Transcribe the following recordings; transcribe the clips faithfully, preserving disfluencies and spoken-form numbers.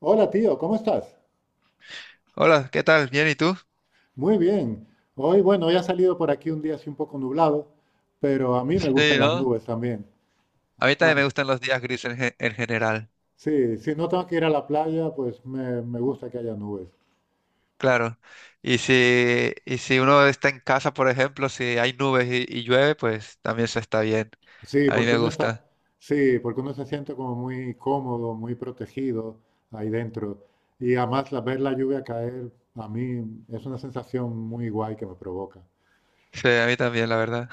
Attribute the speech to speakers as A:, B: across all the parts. A: Hola tío, ¿cómo estás?
B: Hola, ¿qué tal? Bien, ¿y tú?
A: Muy bien. Hoy, bueno, ya ha salido por aquí un día así un poco nublado, pero a mí me
B: Sí,
A: gustan las
B: ¿no?
A: nubes también.
B: A mí también
A: Am-
B: me gustan los días grises en, ge- en general,
A: sí, si no tengo que ir a la playa, pues me, me gusta que haya nubes.
B: claro. Y si, y si uno está en casa, por ejemplo, si hay nubes y, y llueve, pues también se está bien.
A: Sí,
B: A mí
A: porque
B: me
A: uno está,
B: gusta.
A: sí, porque uno se siente como muy cómodo, muy protegido ahí dentro. Y además la- ver la lluvia caer, a mí es una sensación muy guay que me provoca.
B: Sí, a mí también, la verdad.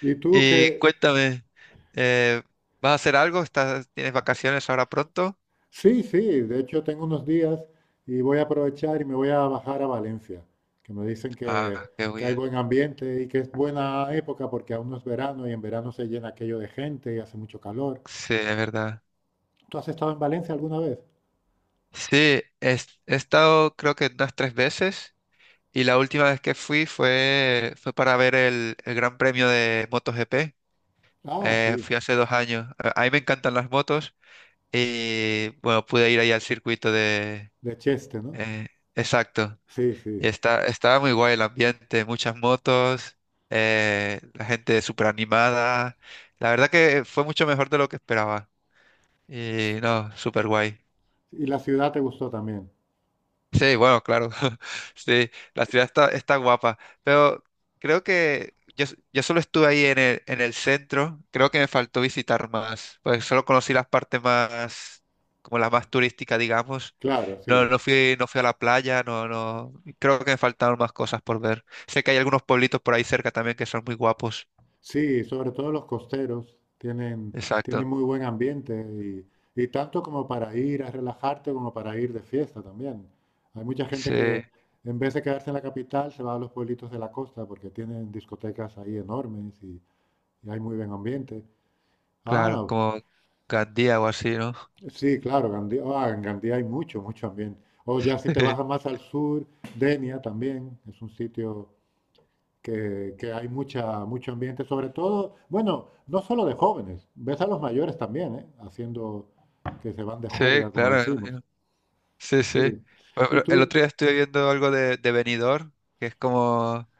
A: ¿Y tú
B: Y
A: qué?
B: cuéntame, eh, ¿vas a hacer algo? ¿Estás, tienes vacaciones ahora pronto?
A: Sí, sí, de hecho tengo unos días y voy a aprovechar y me voy a bajar a Valencia, que me dicen
B: Ah,
A: que,
B: qué
A: que hay
B: bien.
A: buen ambiente y que es buena época porque aún no es verano y en verano se llena aquello de gente y hace mucho calor.
B: Sí, es verdad.
A: ¿Tú has estado en Valencia alguna vez?
B: Sí, he, he estado creo que unas tres veces. Y la última vez que fui fue, fue para ver el, el Gran Premio de MotoGP.
A: Ah,
B: Eh,
A: sí,
B: fui hace dos años. A a mí me encantan las motos y bueno, pude ir ahí al circuito de.
A: de Cheste, ¿no?
B: eh, exacto.
A: Sí, sí,
B: Y
A: sí.
B: está, estaba muy guay el ambiente, muchas motos, eh, la gente súper animada. La verdad que fue mucho mejor de lo que esperaba. Y no, súper guay.
A: Y la ciudad te gustó también.
B: Sí, bueno, claro. Sí, la ciudad está, está guapa. Pero creo que yo, s- yo solo estuve ahí en el, en el centro. Creo que me faltó visitar más. Pues solo conocí las partes más, como las más turísticas, digamos.
A: Claro,
B: No,
A: sí.
B: no fui, no fui a la playa, no, no. Creo que me faltaron más cosas por ver. Sé que hay algunos pueblitos por ahí cerca también que son muy guapos.
A: Sí, sobre todo los costeros tienen, tienen
B: Exacto.
A: muy buen ambiente, y, y tanto como para ir a relajarte como para ir de fiesta también. Hay mucha gente
B: Sí,
A: que en vez de quedarse en la capital se va a los pueblitos de la costa porque tienen discotecas ahí enormes y, y hay muy buen ambiente.
B: claro,
A: Ah,
B: como Gandía o así, ¿no?
A: sí, claro, Gandía, ah, en Gandía hay mucho, mucho ambiente. O ya si te bajas más al sur, Denia también es un sitio que, que hay mucha, mucho ambiente, sobre todo, bueno, no solo de jóvenes, ves a los mayores también, ¿eh? Haciendo que se van de
B: Sí,
A: juerga, como
B: claro.
A: decimos.
B: Sí, sí.
A: Sí.
B: Por
A: Y
B: ejemplo, el
A: tú,
B: otro día estuve viendo algo de, de Benidorm, que es como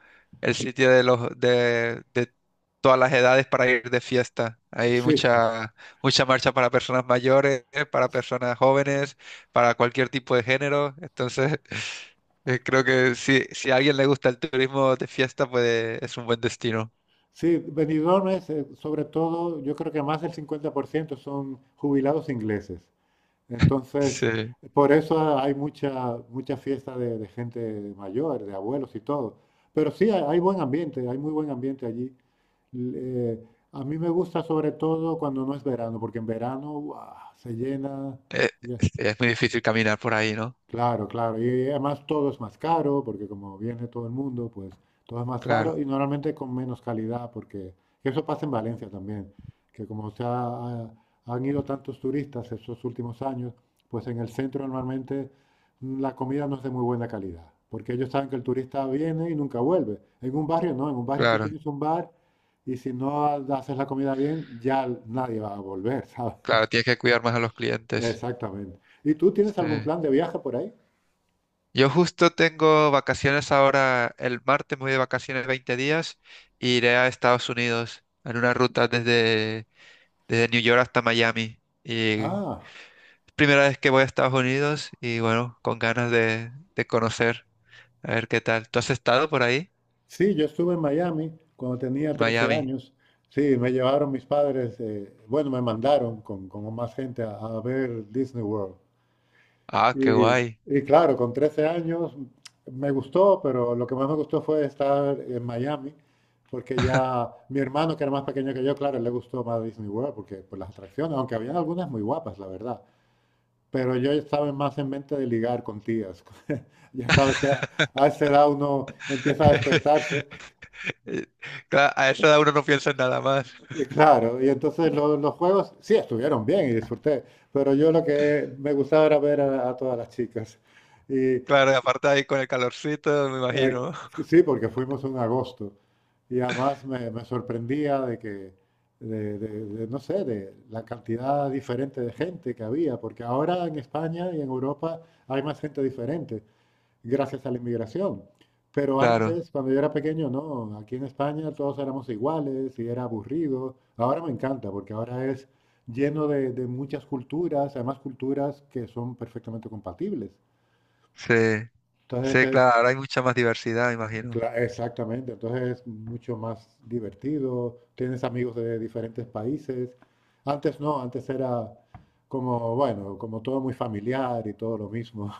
B: el sitio de los de, de todas las edades para ir de fiesta. Hay
A: sí,
B: mucha mucha marcha para personas mayores, para personas jóvenes, para cualquier tipo de género. Entonces, eh, creo que si, si a alguien le gusta el turismo de fiesta, pues es un buen destino.
A: sí, Benidorm es, eh, sobre todo, yo creo que más del cincuenta por ciento son jubilados ingleses. Entonces,
B: Sí.
A: por eso hay mucha, mucha fiesta de, de gente mayor, de abuelos y todo. Pero sí, hay, hay buen ambiente, hay muy buen ambiente allí. L- eh, a mí me gusta sobre todo cuando no es verano, porque en verano ¡guau!, se llena.
B: Eh, sí, es muy difícil caminar por ahí, ¿no?
A: Claro, claro. Y además todo es más caro, porque como viene todo el mundo, pues todo es más caro
B: Claro,
A: y normalmente con menos calidad, porque eso pasa en Valencia también, que como se ha- han ido tantos turistas estos últimos años, pues en el centro normalmente mm, la comida no es de muy buena calidad, porque ellos saben que el turista viene y nunca vuelve. En un barrio no, en un barrio tú
B: claro,
A: tienes un bar y si no ha- haces la comida bien, ya nadie va a volver, ¿sabes?
B: claro. Tienes que cuidar más a los clientes.
A: Exactamente. ¿Y tú tienes
B: Sí.
A: algún plan de viaje por ahí?
B: Yo justo tengo vacaciones ahora, el martes me voy de vacaciones veinte días y iré a Estados Unidos en una ruta desde, desde New York hasta Miami. Y
A: Ah.
B: es primera vez que voy a Estados Unidos y bueno, con ganas de, de conocer, a ver qué tal. ¿Tú has estado por ahí,
A: Sí, yo estuve en Miami cuando tenía
B: en
A: trece
B: Miami?
A: años. Sí, me llevaron mis padres, eh, bueno, me mandaron con, con más gente a, a ver Disney World.
B: Ah, qué
A: Y,
B: guay.
A: y claro, con trece años me gustó, pero lo que más me gustó fue estar en Miami, porque ya mi hermano, que era más pequeño que yo, claro, le gustó más Disney World, porque por las atracciones, aunque habían algunas muy guapas, la verdad. Pero yo estaba más en mente de ligar con tías. Ya sabes que a a esa edad uno empieza a despertarse.
B: Eh, Claro, a esa edad uno no piensa en nada más.
A: Y claro, y entonces lo- los juegos sí estuvieron bien y disfruté, pero yo lo que me gustaba era ver a, a todas las chicas. Y
B: Claro, y aparte ahí con el calorcito, me
A: eh,
B: imagino.
A: sí, porque fuimos en agosto y además me, me sorprendía de que, de, de- de, no sé, de la cantidad diferente de gente que había, porque ahora en España y en Europa hay más gente diferente gracias a la inmigración. Pero
B: Claro,
A: antes, cuando yo era pequeño, no, aquí en España todos éramos iguales y era aburrido. Ahora me encanta porque ahora es lleno de, de muchas culturas, además culturas que son perfectamente compatibles.
B: sí,
A: Entonces
B: sí,
A: es,
B: claro, ahora hay mucha más diversidad, me imagino.
A: cla- exactamente, entonces es mucho más divertido, tienes amigos de diferentes países. Antes no, antes era como, bueno, como todo muy familiar y todo lo mismo.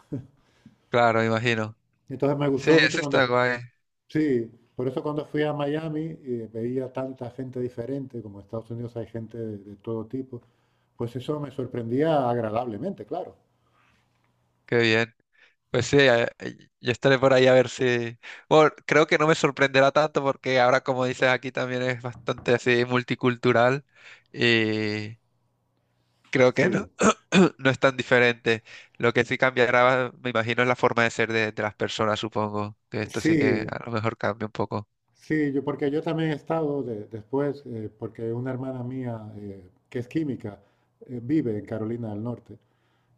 B: Claro, me imagino.
A: Entonces me
B: Sí,
A: gustó mucho
B: eso está
A: cuando
B: guay.
A: sí, por eso cuando fui a Miami eh, veía tanta gente diferente, como en Estados Unidos hay gente de, de todo tipo, pues eso me sorprendía agradablemente, claro.
B: Qué bien. Pues sí, eh, yo estaré por ahí a ver si. Bueno, creo que no me sorprenderá tanto porque ahora, como dices, aquí también es bastante así multicultural y creo que no,
A: Sí,
B: no es tan diferente. Lo que sí cambiará, me imagino, es la forma de ser de, de las personas, supongo. Que esto sí que
A: sí,
B: a lo mejor cambia un poco.
A: sí, yo, porque yo también he estado de- después, eh, porque una hermana mía eh, que es química, eh, vive en Carolina del Norte,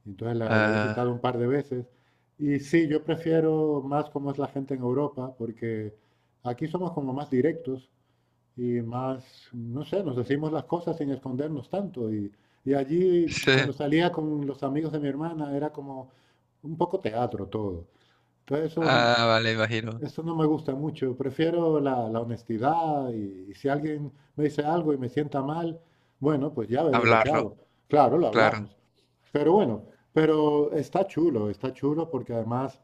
A: y entonces la, la he
B: Ah,
A: visitado un par de veces. Y sí, yo prefiero más cómo es la gente en Europa, porque aquí somos como más directos, y más, no sé, nos decimos las cosas sin escondernos tanto. Y, y allí,
B: sí.
A: cuando salía con los amigos de mi hermana, era como un poco teatro todo. Entonces eso
B: Ah, vale, imagino.
A: eso no me gusta mucho. Prefiero la, la honestidad y, y si alguien me dice algo y me sienta mal, bueno, pues ya veré lo que
B: Hablarlo,
A: hago. Claro, lo
B: claro.
A: hablamos. Pero bueno, pero está chulo, está chulo porque además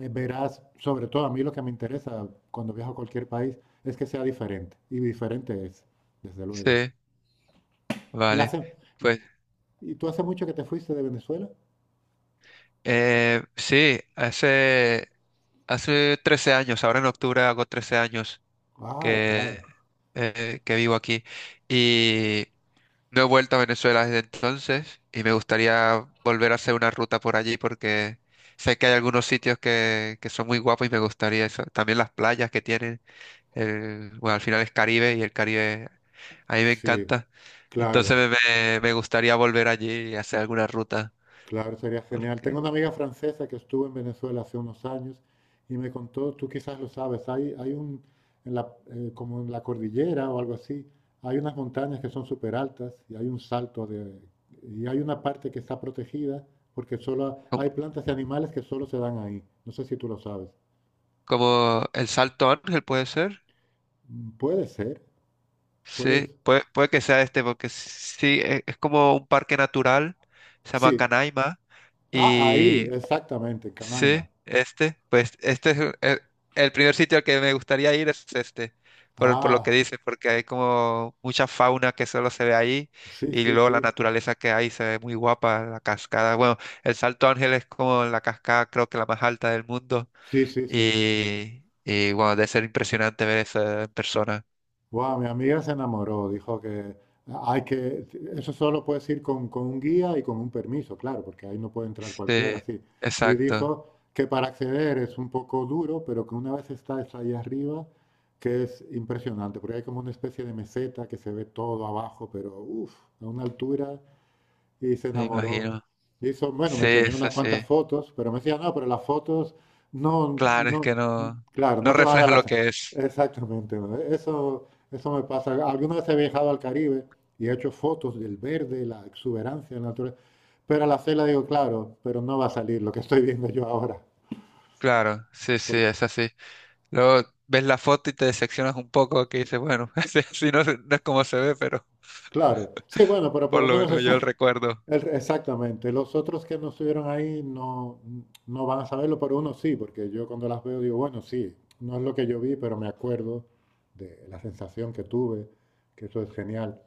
A: eh, verás, sobre todo a mí lo que me interesa cuando viajo a cualquier país es que sea diferente. Y diferente es, desde luego.
B: Sí,
A: ¿Y
B: vale.
A: hace,
B: Pues.
A: y tú hace mucho que te fuiste de Venezuela?
B: Eh, sí, hace, hace trece años. Ahora en octubre hago trece años
A: Ah,
B: que,
A: claro.
B: eh, que vivo aquí y no he vuelto a Venezuela desde entonces y me gustaría volver a hacer una ruta por allí porque sé que hay algunos sitios que, que son muy guapos y me gustaría eso. También las playas que tienen, el- bueno, al final es Caribe y el Caribe a mí me
A: Sí,
B: encanta. Entonces
A: claro.
B: me, me me gustaría volver allí y hacer alguna ruta.
A: Claro, sería genial. Tengo
B: Porque.
A: una amiga francesa que estuvo en Venezuela hace unos años y me contó, tú quizás lo sabes, hay, hay un, en la, eh, como en la cordillera o algo así, hay unas montañas que son súper altas y hay un salto de, y hay una parte que está protegida porque solo hay plantas y animales que solo se dan ahí. No sé si tú lo sabes.
B: Como el Salto Ángel puede ser.
A: Mm, puede ser, puede
B: Sí,
A: ser.
B: puede, puede que sea este, porque sí, e- es como un parque natural, se llama
A: Sí,
B: Canaima,
A: ah, ahí,
B: y
A: exactamente, en
B: sí,
A: Canaima.
B: este, pues este es el, el- el primer sitio al que me gustaría ir es este, por, por lo que
A: Ah,
B: dices, porque hay como mucha fauna que solo se ve ahí,
A: sí,
B: y
A: sí,
B: luego la
A: sí,
B: naturaleza que hay se ve muy guapa, la cascada, bueno, el Salto Ángel es como la cascada creo que la más alta del mundo.
A: sí, sí, sí.
B: Y, y bueno, debe ser impresionante ver esa persona.
A: Wow, mi amiga se enamoró, dijo que hay que, eso solo puedes ir con, con un guía y con un permiso, claro, porque ahí no puede entrar cualquiera,
B: Sí,
A: sí. Y
B: exacto,
A: dijo que para acceder es un poco duro, pero que una vez estás ahí arriba, que es impresionante, porque hay como una especie de meseta que se ve todo abajo, pero uff, a una altura y se
B: me
A: enamoró.
B: imagino.
A: Hizo, bueno, me
B: Sí,
A: enseñó
B: es
A: unas
B: así.
A: cuantas fotos, pero me decía, no, pero las fotos, no,
B: Claro, es
A: no,
B: que no,
A: claro,
B: no
A: no te van a dar
B: refleja lo
A: las...
B: que es.
A: Exactamente, ¿no?, eso, eso me pasa. Alguna vez he viajado al Caribe y he hecho fotos del verde, la exuberancia de la naturaleza, pero a la cela digo, claro, pero no va a salir lo que estoy viendo yo ahora.
B: Claro, sí, sí,
A: Porque,
B: es así. Luego ves la foto y te decepcionas un poco, que dices, bueno, así, así no, no es como se ve, pero
A: claro, sí, bueno, pero por
B: por
A: lo
B: lo
A: menos
B: menos
A: es
B: yo
A: un
B: el recuerdo.
A: El- exactamente. Los otros que no estuvieron ahí no, no van a saberlo, pero uno sí, porque yo cuando las veo digo, bueno, sí, no es lo que yo vi, pero me acuerdo de la sensación que tuve, que eso es genial.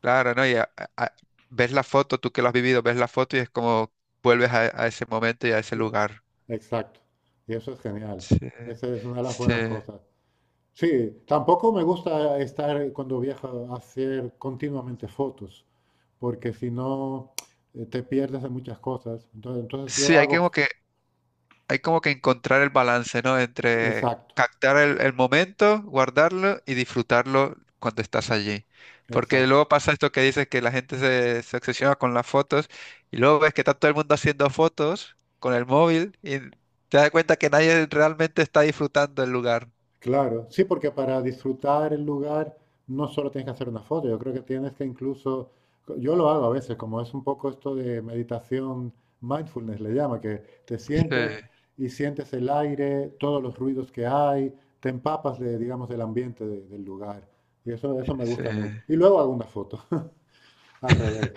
B: Claro, ¿no? Y a- a- a- ves la foto, tú que lo has vivido, ves la foto y es como vuelves a, a ese momento y a ese
A: Y-
B: lugar.
A: Exacto. Y eso es genial.
B: Sí,
A: Esa es una de las buenas
B: sí.
A: cosas. Sí, tampoco me gusta estar cuando viajo a hacer continuamente fotos, porque si no eh, te pierdes de muchas cosas. Entonces, entonces yo
B: Sí, hay que
A: hago,
B: como que hay como que encontrar el balance, ¿no? Entre
A: exacto,
B: captar el, el momento, guardarlo y disfrutarlo cuando estás allí. Porque
A: exacto.
B: luego pasa esto que dices que la gente se, se obsesiona con las fotos y luego ves que está todo el mundo haciendo fotos con el móvil y te das cuenta que nadie realmente está disfrutando el lugar.
A: Claro, sí, porque para disfrutar el lugar no solo tienes que hacer una foto, yo creo que tienes que incluso, yo lo hago a veces, como es un poco esto de meditación, mindfulness le llama, que te
B: Sí,
A: sientas y sientes el aire, todos los ruidos que hay, te empapas de, digamos, del ambiente de- del lugar. Y eso, eso me
B: sí,
A: gusta mucho. Y luego hago una foto, al revés.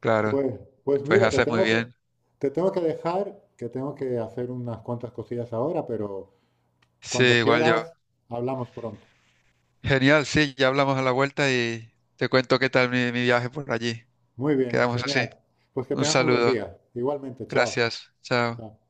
B: claro.
A: Pues, pues
B: Pues
A: mira, te
B: haces muy
A: tengo que,
B: bien.
A: te tengo que dejar, que tengo que hacer unas cuantas cosillas ahora, pero
B: Sí,
A: cuando
B: igual yo.
A: quieras, hablamos pronto.
B: Genial, sí, ya hablamos a la vuelta y te cuento qué tal mi, mi viaje por allí.
A: Muy bien,
B: Quedamos así.
A: genial. Pues que
B: Un
A: tengas muy buen
B: saludo.
A: día. Igualmente, chao.
B: Gracias. Chao.
A: Chao.